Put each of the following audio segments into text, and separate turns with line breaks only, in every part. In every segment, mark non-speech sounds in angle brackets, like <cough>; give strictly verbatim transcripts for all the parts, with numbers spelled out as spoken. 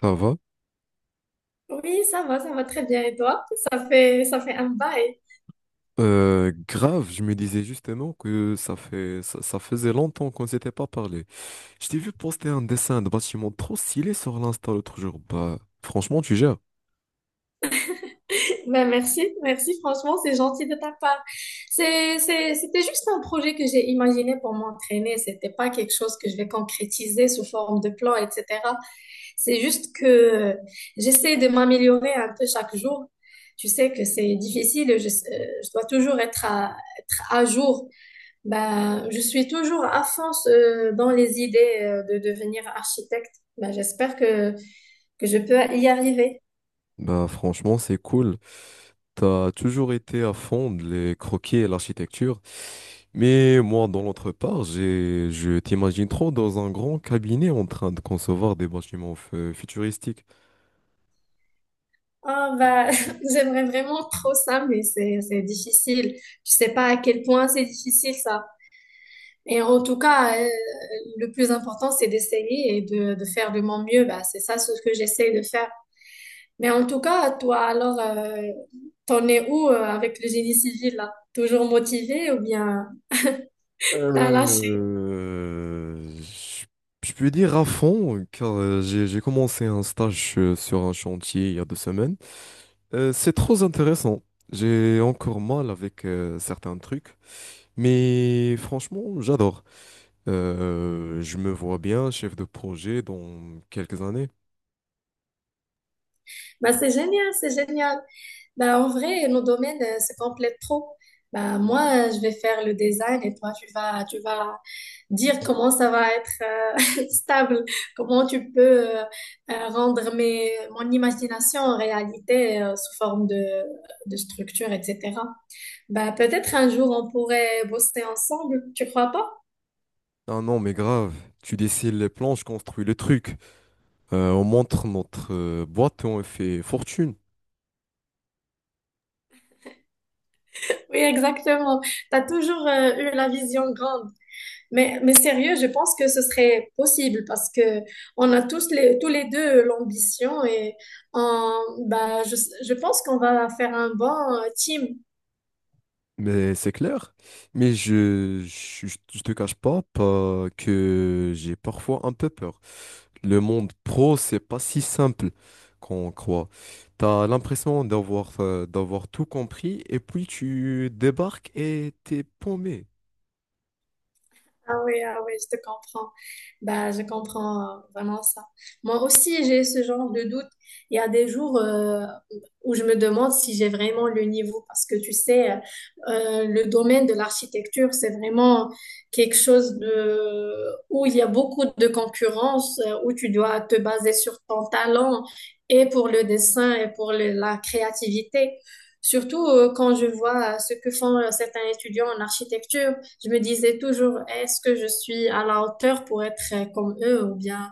Ça va.
Oui, ça va, ça va très bien. Et toi? Ça fait, ça fait un bail.
Euh, grave, je me disais justement que ça fait, ça, ça faisait longtemps qu'on s'était pas parlé. Je t'ai vu poster un dessin de bâtiment trop stylé sur l'Insta l'autre jour. Bah, franchement, tu gères.
Ben, merci, merci. Franchement, c'est gentil de ta part. C'est, c'est, c'était juste un projet que j'ai imaginé pour m'entraîner. C'était pas quelque chose que je vais concrétiser sous forme de plan, et cetera. C'est juste que j'essaie de m'améliorer un peu chaque jour. Tu sais que c'est difficile. Je, euh, je dois toujours être à, être à jour. Ben, je suis toujours à fond euh, dans les idées euh, de devenir architecte. Ben, j'espère que que je peux y arriver.
Bah, franchement, c'est cool. T'as toujours été à fond de les croquis et l'architecture. Mais moi, dans l'autre part, j'ai, je t'imagine trop dans un grand cabinet en train de concevoir des bâtiments fu- futuristiques.
Oh, bah, <laughs> j'aimerais vraiment trop ça, mais c'est, c'est difficile. Je sais pas à quel point c'est difficile ça. Et en tout cas, euh, le plus important, c'est d'essayer et de, de faire de mon mieux. Bah, c'est ça ce que j'essaie de faire. Mais en tout cas, toi, alors, euh, t'en es où euh, avec le génie civil là? Toujours motivé ou bien t'as lâché?
Euh, je je peux dire à fond, car euh, j'ai j'ai commencé un stage euh, sur un chantier il y a deux semaines. Euh, c'est trop intéressant. J'ai encore mal avec euh, certains trucs, mais franchement, j'adore. Euh, je me vois bien chef de projet dans quelques années.
Bah, c'est génial, c'est génial. Bah, en vrai, nos domaines euh, se complètent trop. Bah, moi, euh, je vais faire le design et toi, tu vas, tu vas dire comment ça va être euh, <laughs> stable, comment tu peux euh, euh, rendre mes, mon imagination en réalité euh, sous forme de, de structure, et cetera. Bah, peut-être un jour on pourrait bosser ensemble, tu crois pas?
Ah non, mais grave, tu dessines les plans, je construis le truc. Euh, on montre notre euh, boîte et on fait fortune.
Oui, exactement. T'as toujours euh, eu la vision grande. Mais, mais sérieux, je pense que ce serait possible parce que on a tous les, tous les deux l'ambition et on- bah, je, je pense qu'on va faire un bon euh, team.
Mais c'est clair. Mais je, je, je te cache pas, pas que j'ai parfois un peu peur. Le monde pro, c'est pas si simple qu'on croit. T'as l'impression d'avoir euh, d'avoir tout compris et puis tu débarques et t'es paumé.
Ah oui, ah oui, je te comprends. Bah, je comprends euh, vraiment ça. Moi aussi, j'ai ce genre de doute. Il y a des jours euh, où je me demande si j'ai vraiment le niveau parce que tu sais, euh, le domaine de l'architecture, c'est vraiment quelque chose de où il y a beaucoup de concurrence, euh, où tu dois te baser sur ton talent et pour le dessin et pour le- la créativité. Surtout euh, quand je vois euh, ce que font euh, certains étudiants en architecture. Je me disais toujours, est-ce que je suis à la hauteur pour être euh, comme eux ou bien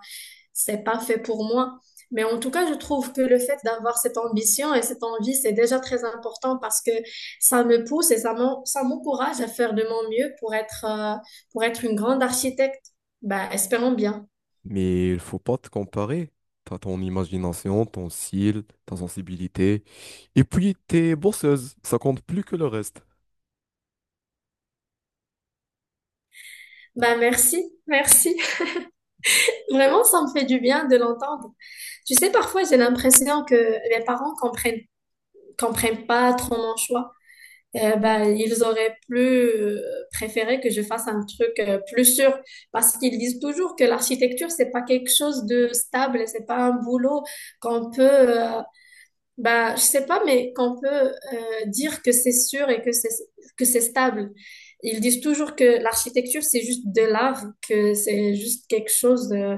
c'est pas fait pour moi? Mais en tout cas, je trouve que le fait d'avoir cette ambition et cette envie, c'est déjà très important parce que ça me pousse et ça m'en- ça m'encourage à faire de mon mieux pour être, euh, pour être une grande architecte. Bah, espérons bien.
Mais il faut pas te comparer. T'as ton imagination, ton style, ta sensibilité. Et puis t'es bosseuse. Ça compte plus que le reste.
Bah, merci, merci. <laughs> Vraiment, ça me fait du bien de l'entendre. Tu sais, parfois, j'ai l'impression que mes parents comprennent, comprennent pas trop mon choix. Euh, ben, ils auraient plus euh, préféré que je fasse un truc euh, plus sûr parce qu'ils disent toujours que l'architecture, c'est pas quelque chose de stable, et c'est pas un boulot qu'on peut, euh, ben, je sais pas, mais qu'on peut euh, dire que c'est sûr et que c'est que c'est stable. Ils disent toujours que l'architecture, c'est juste de l'art, que c'est juste quelque chose euh,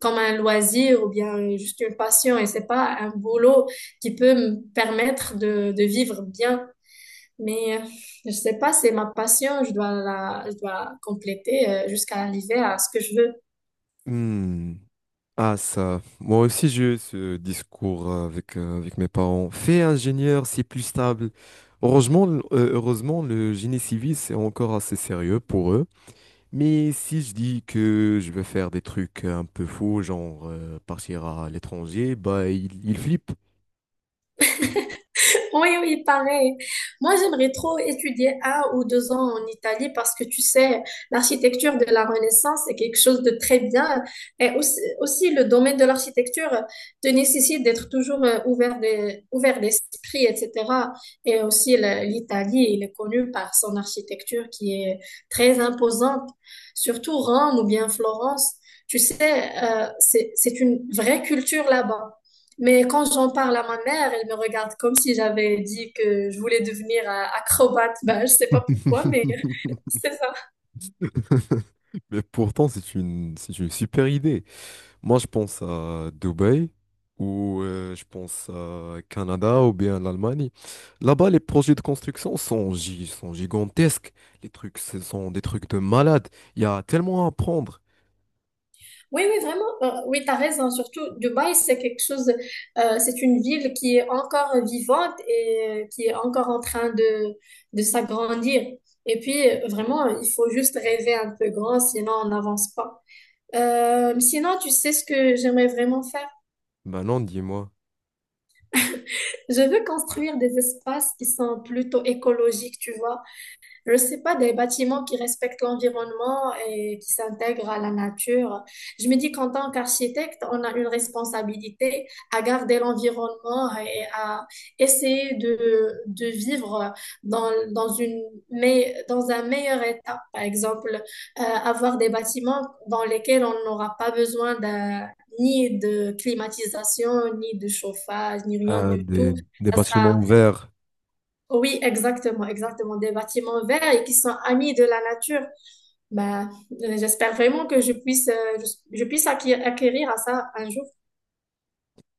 comme un loisir ou bien juste une passion et c'est pas un boulot qui peut me permettre de, de vivre bien. Mais euh, je sais pas, c'est ma passion, je dois la, je dois la compléter euh, jusqu'à arriver à ce que je veux.
Hmm. Ah ça, moi aussi j'ai eu ce discours euh, avec, euh, avec mes parents. Fais ingénieur, c'est plus stable. Heureusement, le- euh, heureusement, le génie civil, c'est encore assez sérieux pour eux. Mais si je dis que je veux faire des trucs un peu fous, genre euh, partir à l'étranger, bah ils ils flippent.
Oui, oui, pareil. Moi, j'aimerais trop étudier un ou deux ans en Italie parce que tu sais, l'architecture de la Renaissance est quelque chose de très bien. Et aussi, aussi le domaine de l'architecture te nécessite d'être toujours euh, ouvert de- ouvert d'esprit, et cetera. Et aussi, le- l'Italie, il est connu par son architecture qui est très imposante, surtout Rome ou bien Florence. Tu sais, euh, c'est, c'est une vraie culture là-bas. Mais quand j'en parle à ma mère, elle me regarde comme si j'avais dit que je voulais devenir euh, acrobate. Ben, je sais pas pourquoi, mais <laughs>
<laughs>
c'est ça.
<laughs> Mais pourtant, c'est une, c'est une super idée. Moi, je pense à Dubaï ou euh, je pense à Canada ou bien l'Allemagne. Là-bas, les projets de construction sont, gi- sont gigantesques. Les trucs, ce sont des trucs de malade. Il y a tellement à apprendre.
Oui, oui, vraiment. euh, oui, t'as raison. Surtout, Dubaï, c'est quelque chose, euh, c'est une ville qui est encore vivante et euh, qui est encore en train de, de s'agrandir. Et puis, euh, vraiment, il faut juste rêver un peu grand, sinon on n'avance pas. Euh, sinon, tu sais ce que j'aimerais vraiment faire?
Ben non, dis-moi.
Je veux construire des espaces qui sont plutôt écologiques, tu vois. Je sais pas, des bâtiments qui respectent l'environnement et qui s'intègrent à la nature. Je me dis qu'en tant qu'architecte, on a une responsabilité à garder l'environnement et à essayer de, de vivre dans, dans une, mais dans un meilleur état. Par exemple, euh, avoir des bâtiments dans lesquels on n'aura pas besoin d'un, ni de climatisation, ni de chauffage, ni rien
Euh,
du
des,
tout.
des
Ça
bâtiments
sera
verts,
Oui, exactement, exactement. Des bâtiments verts et qui sont amis de la nature. Ben, euh, j'espère vraiment que je puisse, euh, je, je puisse acquérir, acquérir à ça un jour.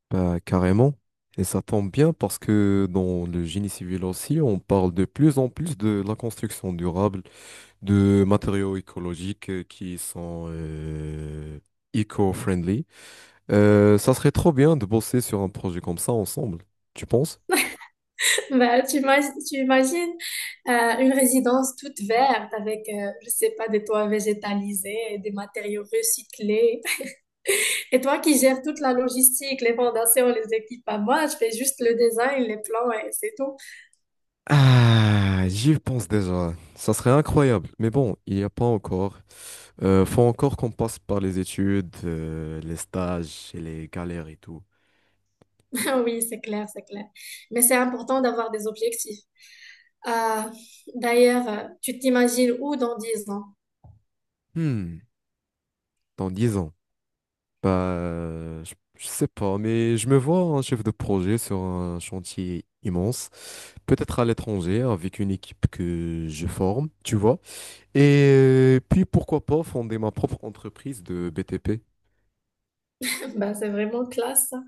ben, carrément. Et ça tombe bien parce que dans le génie civil aussi, on parle de plus en plus de la construction durable, de matériaux écologiques euh, qui sont euh, eco-friendly. Euh, ça serait trop bien de bosser sur un projet comme ça ensemble, tu penses?
<laughs> Ben, tu ima- tu imagines euh, une résidence toute verte avec, euh, je sais pas, des toits végétalisés, et des matériaux recyclés. <laughs> Et toi qui gères toute la logistique, les fondations, les équipements, moi, je fais juste le design, les plans et c'est tout.
Ah, j'y pense déjà. Ça serait incroyable. Mais bon, il n'y a pas encore. Euh, faut encore qu'on passe par les études, euh, les stages et les galères et tout.
<laughs> Oui, c'est clair, c'est clair. Mais c'est important d'avoir des objectifs. Euh, D'ailleurs, euh, tu t'imagines où dans dix ans? <laughs>
Hmm, dans dix ans. Bah, je, je sais pas, mais je me vois un chef de projet sur un chantier immense, peut-être à l'étranger, avec une équipe que je forme, tu vois. Et euh, puis pourquoi pas fonder ma propre entreprise de B T P.
Bah, c'est vraiment classe, ça.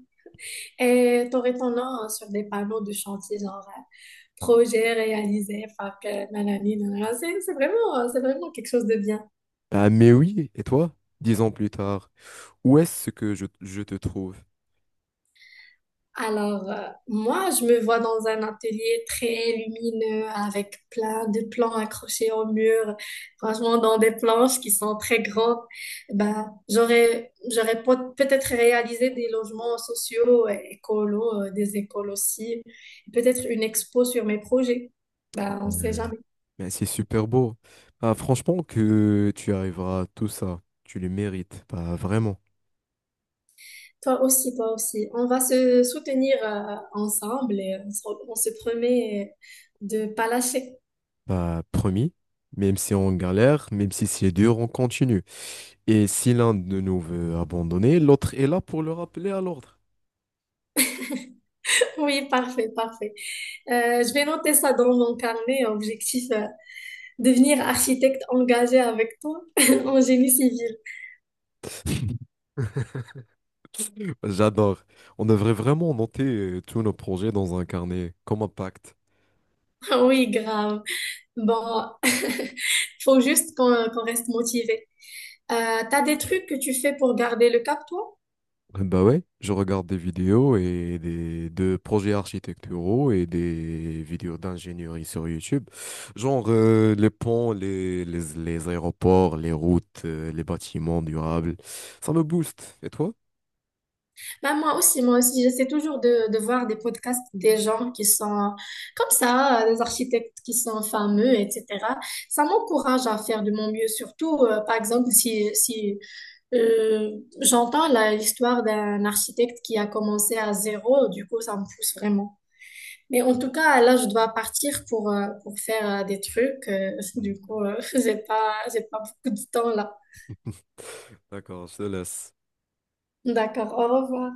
Et t'aurais ton nom hein, sur des panneaux de chantier, genre euh, projet réalisé par que nanani, nanana. C'est c'est vraiment, euh, c'est vraiment quelque chose de bien.
Ah, mais oui, et toi, dix ans plus tard, où est-ce que je, je te trouve?
Alors, euh, moi, je me vois dans un atelier très lumineux avec plein de plans accrochés au mur, franchement, dans des planches qui sont très grandes. Ben, j'aurais, j'aurais pot- peut-être réalisé des logements sociaux, euh, écolos, euh, des écoles aussi, peut-être une expo sur mes projets. Ben, on sait
Euh,
jamais.
Mais c'est super beau. Ah, franchement, que tu arriveras à tout ça, tu le mérites. Bah, vraiment.
Toi aussi, toi aussi. On va se soutenir, euh, ensemble et on se, on se promet de pas lâcher. <laughs>
Bah, promis, même si on galère, même si c'est dur, on continue. Et si l'un de nous veut abandonner, l'autre est là pour le rappeler à l'ordre.
Oui, parfait, parfait. Euh, je vais noter ça dans mon carnet. Objectif, euh, devenir architecte engagé avec toi <laughs> en génie civil.
<laughs> J'adore. On devrait vraiment noter euh, tous nos projets dans un carnet, comme un pacte.
<laughs> Oui, grave. Bon, <laughs> faut juste qu'on qu'on reste motivé. Euh, t'as des trucs que tu fais pour garder le cap, toi?
Bah ouais, je regarde des vidéos et des de projets architecturaux et des vidéos d'ingénierie sur YouTube. Genre euh, les ponts, les, les, les aéroports, les routes, euh, les bâtiments durables. Ça me booste. Et toi?
Bah, moi aussi, moi aussi, j'essaie toujours de, de voir des podcasts des gens qui sont comme ça, euh, des architectes qui sont fameux, et cetera. Ça m'encourage à faire de mon mieux, surtout, euh, par exemple, si, si euh, j'entends la- l'histoire d'un architecte qui a commencé à zéro, du coup, ça me pousse vraiment. Mais en tout cas, là, je dois partir pour, euh, pour faire euh, des trucs, euh, <laughs>
Mm.
du coup, euh, <laughs> j'ai pas, j'ai pas beaucoup de temps là.
<laughs> D'accord, je te laisse.
D'accord, au revoir.